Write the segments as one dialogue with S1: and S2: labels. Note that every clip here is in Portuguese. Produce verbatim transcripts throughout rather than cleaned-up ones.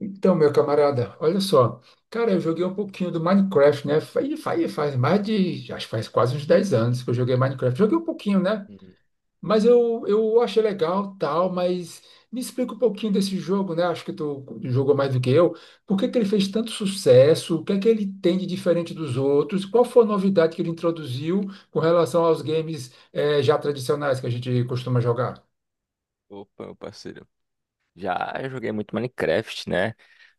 S1: Então, meu camarada, olha só. Cara, eu joguei um pouquinho do Minecraft, né? Faz, faz, faz mais de. Acho que faz quase uns dez anos que eu joguei Minecraft. Joguei um pouquinho, né?
S2: Hum.
S1: Mas eu, eu achei legal, tal, mas me explica um pouquinho desse jogo, né? Acho que tu jogou mais do que eu. Por que que ele fez tanto sucesso? O que é que ele tem de diferente dos outros? Qual foi a novidade que ele introduziu com relação aos games, eh, já tradicionais que a gente costuma jogar?
S2: Opa, meu parceiro. Já eu joguei muito Minecraft, né?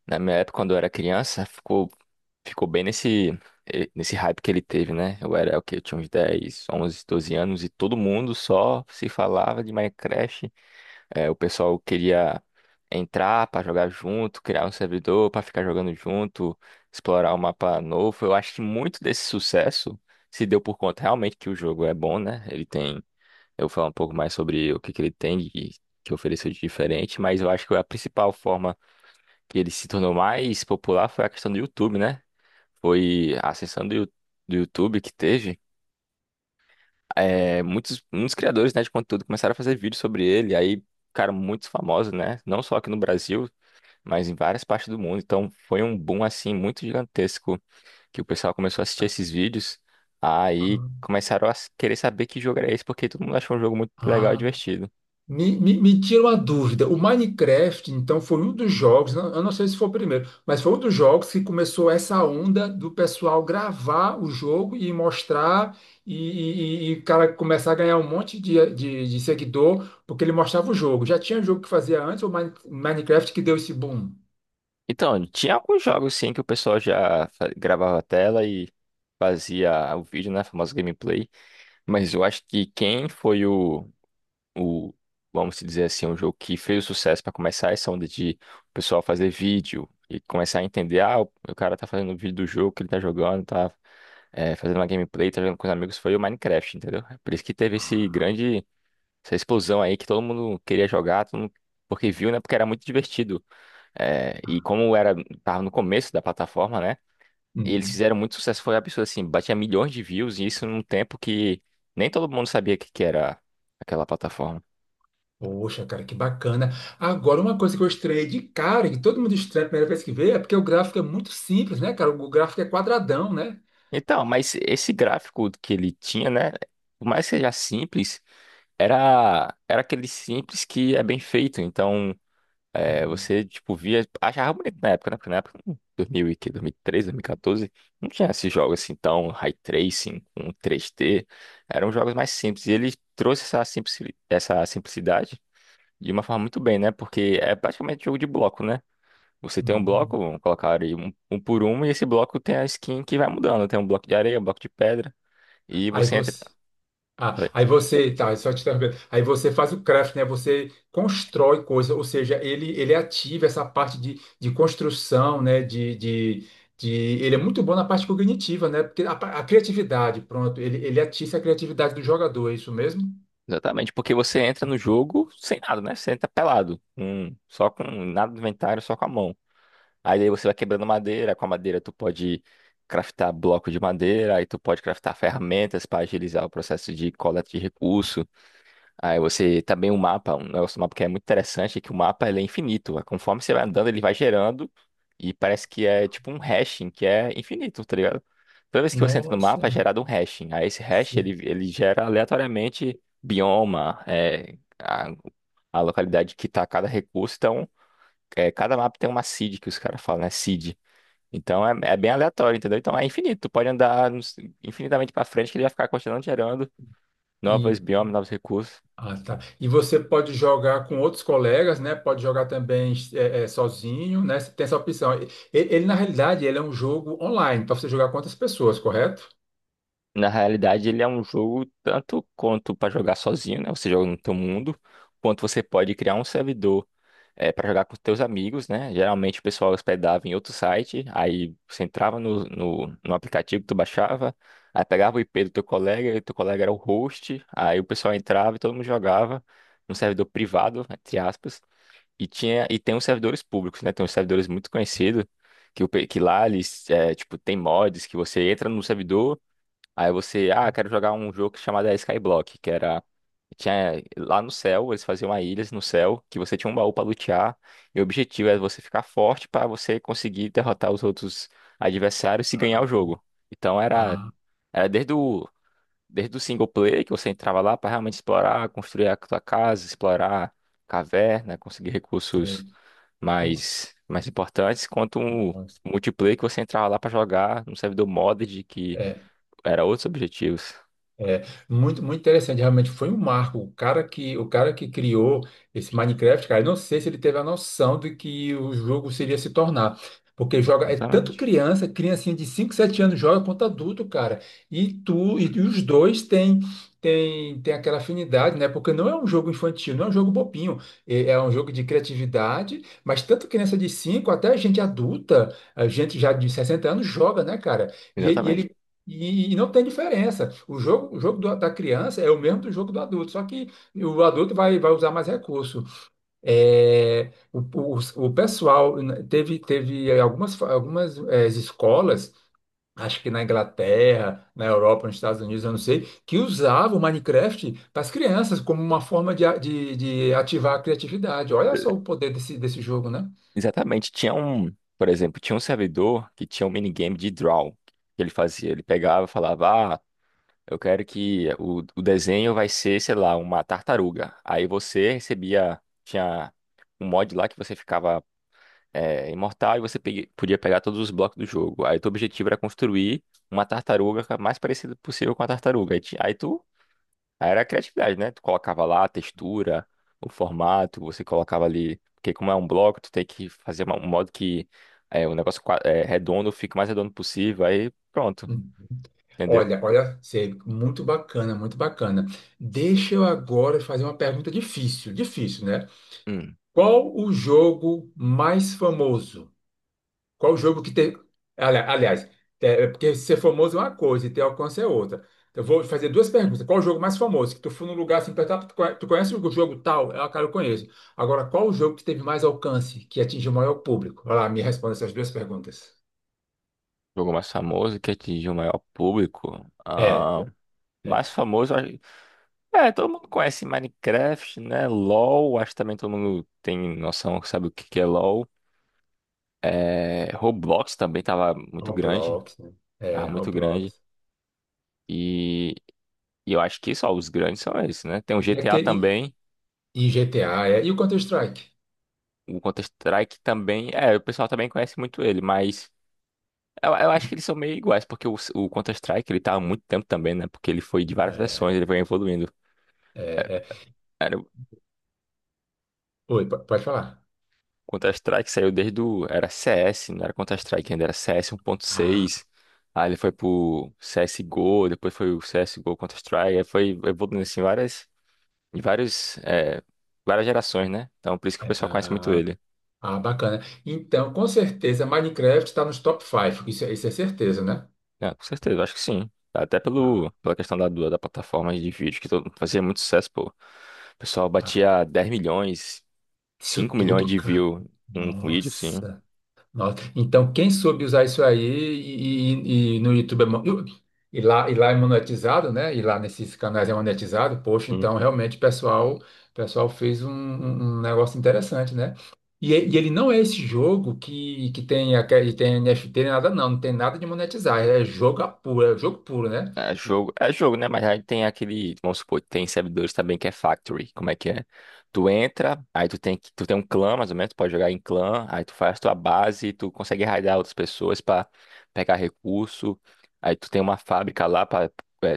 S2: Na minha época, quando eu era criança, ficou, ficou bem nesse, eh, nesse hype que ele teve, né? Eu era o quê? Eu tinha uns dez onze, doze anos e todo mundo só se falava de Minecraft. Eh, o pessoal queria entrar pra jogar junto, criar um servidor pra ficar jogando junto, explorar o mapa novo. Eu acho que muito desse sucesso se deu por conta realmente que o jogo é bom, né? Ele tem. Eu vou falar um pouco mais sobre o que que ele tem e que ofereceu de diferente, mas eu acho que a principal forma que ele se tornou mais popular foi a questão do YouTube, né? Foi a ascensão do, Yu- do YouTube que teve. É, muitos, muitos criadores, né, de conteúdo começaram a fazer vídeos sobre ele, aí ficaram muito famosos, né? Não só aqui no Brasil, mas em várias partes do mundo. Então foi um boom, assim, muito gigantesco que o pessoal começou a assistir esses vídeos. Aí começaram a querer saber que jogo era esse, porque todo mundo achou um jogo muito legal e
S1: Ah,
S2: divertido.
S1: Me, me, me tira uma dúvida. O Minecraft, então, foi um dos jogos, não- eu não sei se foi o primeiro, mas foi um dos jogos que começou essa onda do pessoal gravar o jogo e mostrar, e, e- e e o cara começar a ganhar um monte de, de, de seguidor, porque ele mostrava o jogo. Já tinha jogo que fazia antes, o Mine- Minecraft que deu esse boom.
S2: Então, tinha alguns jogos sim que o pessoal já fa- gravava a tela e fazia o vídeo, né? A famosa gameplay. Mas eu acho que quem foi o, o vamos dizer assim, um jogo que fez o sucesso para começar essa onda de o pessoal fazer vídeo e começar a entender, ah, o, o cara tá fazendo um vídeo do jogo que ele tá jogando, tá eh, fazendo uma gameplay, tá jogando com os amigos, foi o Minecraft, entendeu? É. Por isso que teve esse grande, essa explosão aí que todo mundo queria jogar, todo mundo, porque viu, né? Porque era muito divertido. É, e como era, tava no começo da plataforma, né? Eles
S1: Uhum.
S2: fizeram muito sucesso, foi um absurdo, assim, batia milhões de views, e isso num tempo que nem todo mundo sabia o que que era aquela plataforma.
S1: Poxa, cara, que bacana. Agora, uma coisa que eu estranhei de cara, que todo mundo estranha a primeira vez que vê, é porque o gráfico é muito simples, né, cara? O gráfico é quadradão, né?
S2: Então, mas esse gráfico que ele tinha, né? Por mais que seja simples, era, era aquele simples que é bem feito. Então, é,
S1: Uhum.
S2: você, tipo, via, achava bonito na época, né? Porque na época, hum, dois mil e quê? dois mil e treze, dois mil e quatorze, não tinha esses jogos assim tão high tracing, com três D. Eram jogos mais simples. E ele trouxe essa simplici- essa simplicidade de uma forma muito bem, né? Porque é praticamente jogo de bloco, né? Você tem um
S1: Uhum.
S2: bloco, vamos colocar aí um, um por um, e esse bloco tem a skin que vai mudando. Tem um bloco de areia, um bloco de pedra. E
S1: Aí
S2: você entra.
S1: você. Ah,
S2: Oi.
S1: aí você, tá, só te interrompendo. Aí você faz o craft, né? Você constrói coisa, ou seja, ele ele ativa essa parte de, de construção, né? De, de, de, ele é muito bom na parte cognitiva, né? Porque a, pa- a criatividade, pronto, ele, ele atiça a criatividade do jogador, é isso mesmo?
S2: Exatamente, porque você entra no jogo sem nada, né? Você entra pelado, com- só com nada do inventário, só com a mão. Aí daí você vai quebrando madeira, com a madeira tu pode craftar bloco de madeira, aí tu pode craftar ferramentas para agilizar o processo de coleta de recurso. Aí você também o mapa, um negócio do mapa que é muito interessante é que o mapa ele é infinito. Conforme você vai andando, ele vai gerando e parece que é tipo um hashing que é infinito, tá ligado? Toda vez que você entra no mapa é
S1: Nossa,
S2: gerado um hashing. Aí esse hash ele,
S1: sim.
S2: ele gera aleatoriamente bioma, é, a, a localidade que tá cada recurso, então é, cada mapa tem uma seed que os caras falam, né? Seed. Então é, é bem aleatório, entendeu? Então é infinito. Tu pode andar nos- infinitamente pra frente que ele vai ficar continuando gerando novos biomas, novos recursos.
S1: Ah, tá. E você pode jogar com outros colegas, né? Pode jogar também eh, eh, sozinho, né? Você tem essa opção. E- Ele, na realidade, ele é um jogo online para você jogar com outras pessoas, correto?
S2: Na realidade, ele é um jogo tanto quanto pra jogar sozinho, né? Você joga no teu mundo, quanto você pode criar um servidor é, para jogar com os teus amigos, né? Geralmente o pessoal hospedava em outro site, aí você entrava no, no, no aplicativo que tu baixava, aí pegava o I P do teu colega, e teu colega era o host, aí o pessoal entrava e todo mundo jogava num servidor privado, entre aspas. E tinha e tem uns servidores públicos, né? Tem uns servidores muito conhecidos que, o pe- que lá eles é, tipo tem mods que você entra no servidor, aí você, ah, quero jogar um jogo chamado Skyblock, que era tinha lá no céu, eles faziam uma ilhas no céu que você tinha um baú para lutear, e o objetivo é você ficar forte para você conseguir derrotar os outros adversários e
S1: Ah,
S2: ganhar o jogo. Então era
S1: ah,
S2: era desde o desde o single player que você entrava lá para realmente explorar, construir a sua casa, explorar caverna, conseguir recursos
S1: sei. Pô,
S2: mais, mais importantes, quanto um
S1: nossa.
S2: multiplayer que você entrava lá pra jogar num servidor modded que
S1: É,
S2: era outros objetivos.
S1: é, muito, muito interessante, realmente foi um marco. O cara que, o cara que criou esse Minecraft, cara, eu não sei se ele teve a noção de que o jogo seria se tornar. Porque joga, é tanto
S2: Exatamente.
S1: criança, criancinha de cinco sete anos joga quanto adulto, cara. E tu, e, e os dois têm tem, tem aquela afinidade, né? Porque não é um jogo infantil, não é um jogo bobinho. É, é um jogo de criatividade, mas tanto criança de cinco até gente adulta, a gente já de sessenta anos joga, né, cara? E,
S2: Exatamente.
S1: ele e, e não tem diferença. O jogo, o jogo do- da criança é o mesmo do jogo do adulto, só que o adulto vai, vai usar mais recurso. É, o, o, o pessoal né, teve, teve algumas, fa- algumas eh, escolas, acho que na Inglaterra, na Europa, nos Estados Unidos, eu não sei, que usavam o Minecraft para as crianças como uma forma de, a- de, de ativar a criatividade. Olha só o poder desse, desse jogo, né?
S2: Exatamente. Tinha um, por exemplo, tinha um servidor que tinha um minigame de draw que ele fazia. Ele pegava e falava, ah, eu quero que o, o desenho vai ser, sei lá, uma tartaruga. Aí você recebia, tinha um mod lá que você ficava é, imortal e você pegue- podia pegar todos os blocos do jogo. Aí teu objetivo era construir uma tartaruga ca- mais parecida possível com a tartaruga. Aí, ti- aí tu. Aí era a criatividade, né? Tu colocava lá a textura, o formato, você colocava ali. Porque como é um bloco, tu tem que fazer uma- um modo que é, o negócio qua- é, redondo fique o mais redondo possível. Aí pronto, entendeu?
S1: Olha, olha, Sê, muito bacana, muito bacana. Deixa eu agora fazer uma pergunta difícil, difícil, né?
S2: Hum.
S1: Qual o jogo mais famoso? Qual o jogo que tem. ali- Aliás, é, é, porque ser famoso é uma coisa e ter alcance é outra. Eu vou fazer duas perguntas. Qual o jogo mais famoso? Que tu foi num lugar assim, perguntar, tu conhe- tu conhece o jogo tal? É, ah, cara, eu conheço. Agora, qual o jogo que teve mais alcance, que atingiu o maior público? Vai lá, me responda essas duas perguntas.
S2: Jogo mais famoso que atingiu o maior público.
S1: É,
S2: Ah,
S1: é
S2: mais famoso. É, todo mundo conhece Minecraft, né? LoL, acho que também todo mundo tem noção, sabe o que que é LoL. É, Roblox também tava muito grande,
S1: Roblox, né? É,
S2: tava muito grande.
S1: Roblox.
S2: E, e eu acho que só os grandes são esses, né? Tem o
S1: E
S2: G T A
S1: aquele.
S2: também,
S1: E G T A, é. E o Counter-Strike?
S2: o Counter-Strike também. É, o pessoal também conhece muito ele, mas eu, eu acho que eles são meio iguais, porque o, o Counter-Strike ele tá há muito tempo também, né? Porque ele foi de várias
S1: É,
S2: versões, ele foi evoluindo.
S1: é, é. Oi, po- pode falar.
S2: Counter-Strike saiu desde o. Era C S, não era Counter-Strike ainda, era C S
S1: Ah,
S2: um ponto seis. Aí ele foi pro C S G O, depois foi o C S G O Counter-Strike, aí foi evoluindo assim várias, em vários, é, várias gerações, né? Então por isso que o pessoal conhece muito
S1: ah,
S2: ele.
S1: ah, bacana. Então, com certeza, Minecraft está nos top cinco. Isso, é- isso é certeza, né?
S2: Ah, com certeza, acho que sim. Até
S1: Ah,
S2: pelo, pela questão da, do- da plataforma de vídeo, que todo- fazia muito sucesso, pô. O pessoal
S1: ah.
S2: batia dez milhões,
S1: Isso
S2: cinco milhões
S1: tudo,
S2: de
S1: cara.
S2: view em um vídeo, assim.
S1: Nossa. Nossa. Então, quem soube usar isso aí e, e- e no YouTube é, mo- e lá, e lá é monetizado, né? E lá nesses canais é monetizado, poxa, então realmente o pessoal, o pessoal fez um, um- um negócio interessante, né? E, e ele não é esse jogo que, que tem, aquele- tem N F T, nem nada, não, não tem nada de monetizar, é jogo a puro, é jogo puro, né?
S2: É jogo, é jogo, né? Mas aí tem aquele, vamos supor, tem servidores também que é factory. Como é que é? Tu entra, aí tu tem que, tu tem um clã, mais ou menos, tu pode jogar em clã, aí tu faz tua base, tu consegue raidar outras pessoas pra pegar recurso. Aí tu tem uma fábrica lá para,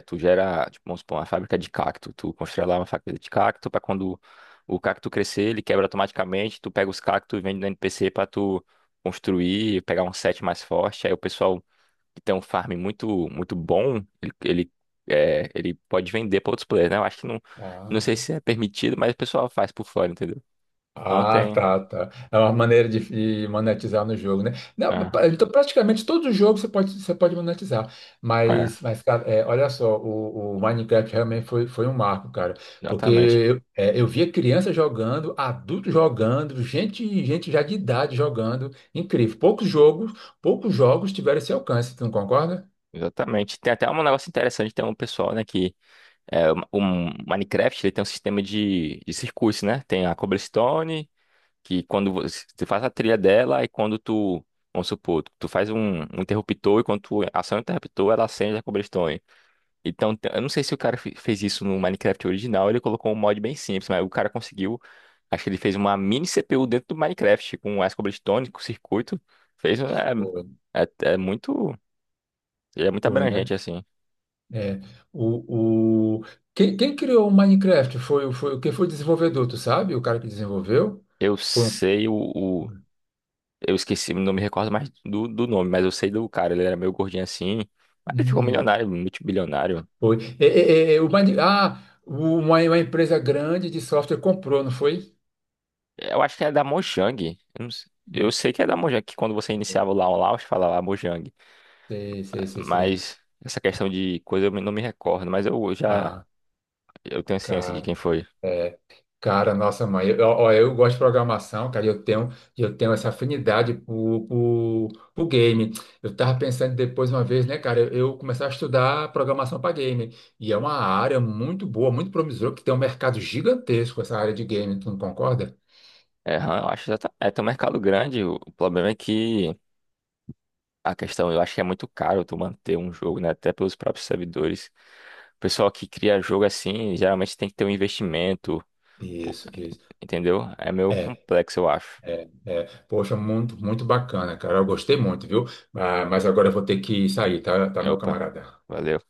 S2: tu gera, tipo, vamos supor, uma fábrica de cacto. Tu constrói lá uma fábrica de cacto pra quando o cacto crescer, ele quebra automaticamente, tu pega os cactos e vende no N P C pra tu construir, pegar um set mais forte. Aí o pessoal que tem um farm muito muito bom, ele, ele, é, ele pode vender para outros players, né? Eu acho que não, não sei
S1: Ah.
S2: se é permitido, mas o pessoal faz por fora, entendeu? Então
S1: Ah,
S2: tem.
S1: tá, tá. É uma maneira de, de monetizar no jogo, né? Não,
S2: Ah,
S1: pra- então, praticamente todo jogo você pode, você pode monetizar.
S2: é,
S1: Mas, mas cara, é, olha só, o, o Minecraft realmente foi, foi um marco, cara. Porque
S2: exatamente.
S1: eu, é, eu via criança jogando, adulto jogando, gente, gente já de idade jogando. Incrível. Poucos jogos, poucos jogos tiveram esse alcance, tu não concorda?
S2: Exatamente. Tem até um negócio interessante, tem um pessoal, né, que é, o o Minecraft, ele tem um sistema de, de circuitos, né? Tem a cobblestone, que quando você, você faz a trilha dela e quando tu, vamos supor, tu faz um, um interruptor e quando tu aciona o interruptor, ela acende a cobblestone. Então, te- eu não sei se o cara fe- fez isso no Minecraft original, ele colocou um mod bem simples, mas o cara conseguiu. Acho que ele fez uma mini C P U dentro do Minecraft, com as cobblestone, com circuito. Fez. um-
S1: Foi.
S2: É, é, é muito. Ele é muito
S1: Foi, né?
S2: abrangente, assim.
S1: É, o, o... Quem, quem criou o Minecraft foi, foi quem foi o desenvolvedor, tu sabe? O cara que desenvolveu?
S2: Eu
S1: Foi um.
S2: sei o. o- eu esqueci, não me recordo mais do, do nome, mas eu sei do cara. Ele era meio gordinho assim. Mas ele ficou
S1: Hum,
S2: milionário, multibilionário.
S1: foi. É, é, é, é, o Mine... Ah, o- uma, uma empresa grande de software comprou, não foi?
S2: Eu acho que é da Mojang. Eu, não sei- Eu
S1: Hum,
S2: sei que é da Mojang, que quando você iniciava lá o Launch, falava Mojang.
S1: Sei, sei, sei, sei.
S2: Mas essa questão de coisa eu não me recordo, mas eu já
S1: Ah,
S2: eu tenho ciência de
S1: cara.
S2: quem foi.
S1: É. Cara, nossa mãe, eu, ó, eu gosto de programação, cara, e eu tenho, e eu tenho essa afinidade por, por, por game. Eu tava pensando depois uma vez, né, cara, eu, eu começar a estudar programação para game. E é uma área muito boa, muito promissora, que tem um mercado gigantesco essa área de game, tu não concorda?
S2: É, eu acho que já tá, é, tem um mercado grande. O, o problema é que a questão, eu acho que é muito caro tu manter um jogo, né? Até pelos próprios servidores. O pessoal que cria jogo assim, geralmente tem que ter um investimento, pô,
S1: Isso, isso.
S2: entendeu? É meio
S1: É,
S2: complexo, eu acho.
S1: é, é. Poxa, muito, muito bacana, cara. Eu gostei muito, viu? Ah, mas agora eu vou ter que sair, tá, tá, meu
S2: Opa,
S1: camarada?
S2: valeu.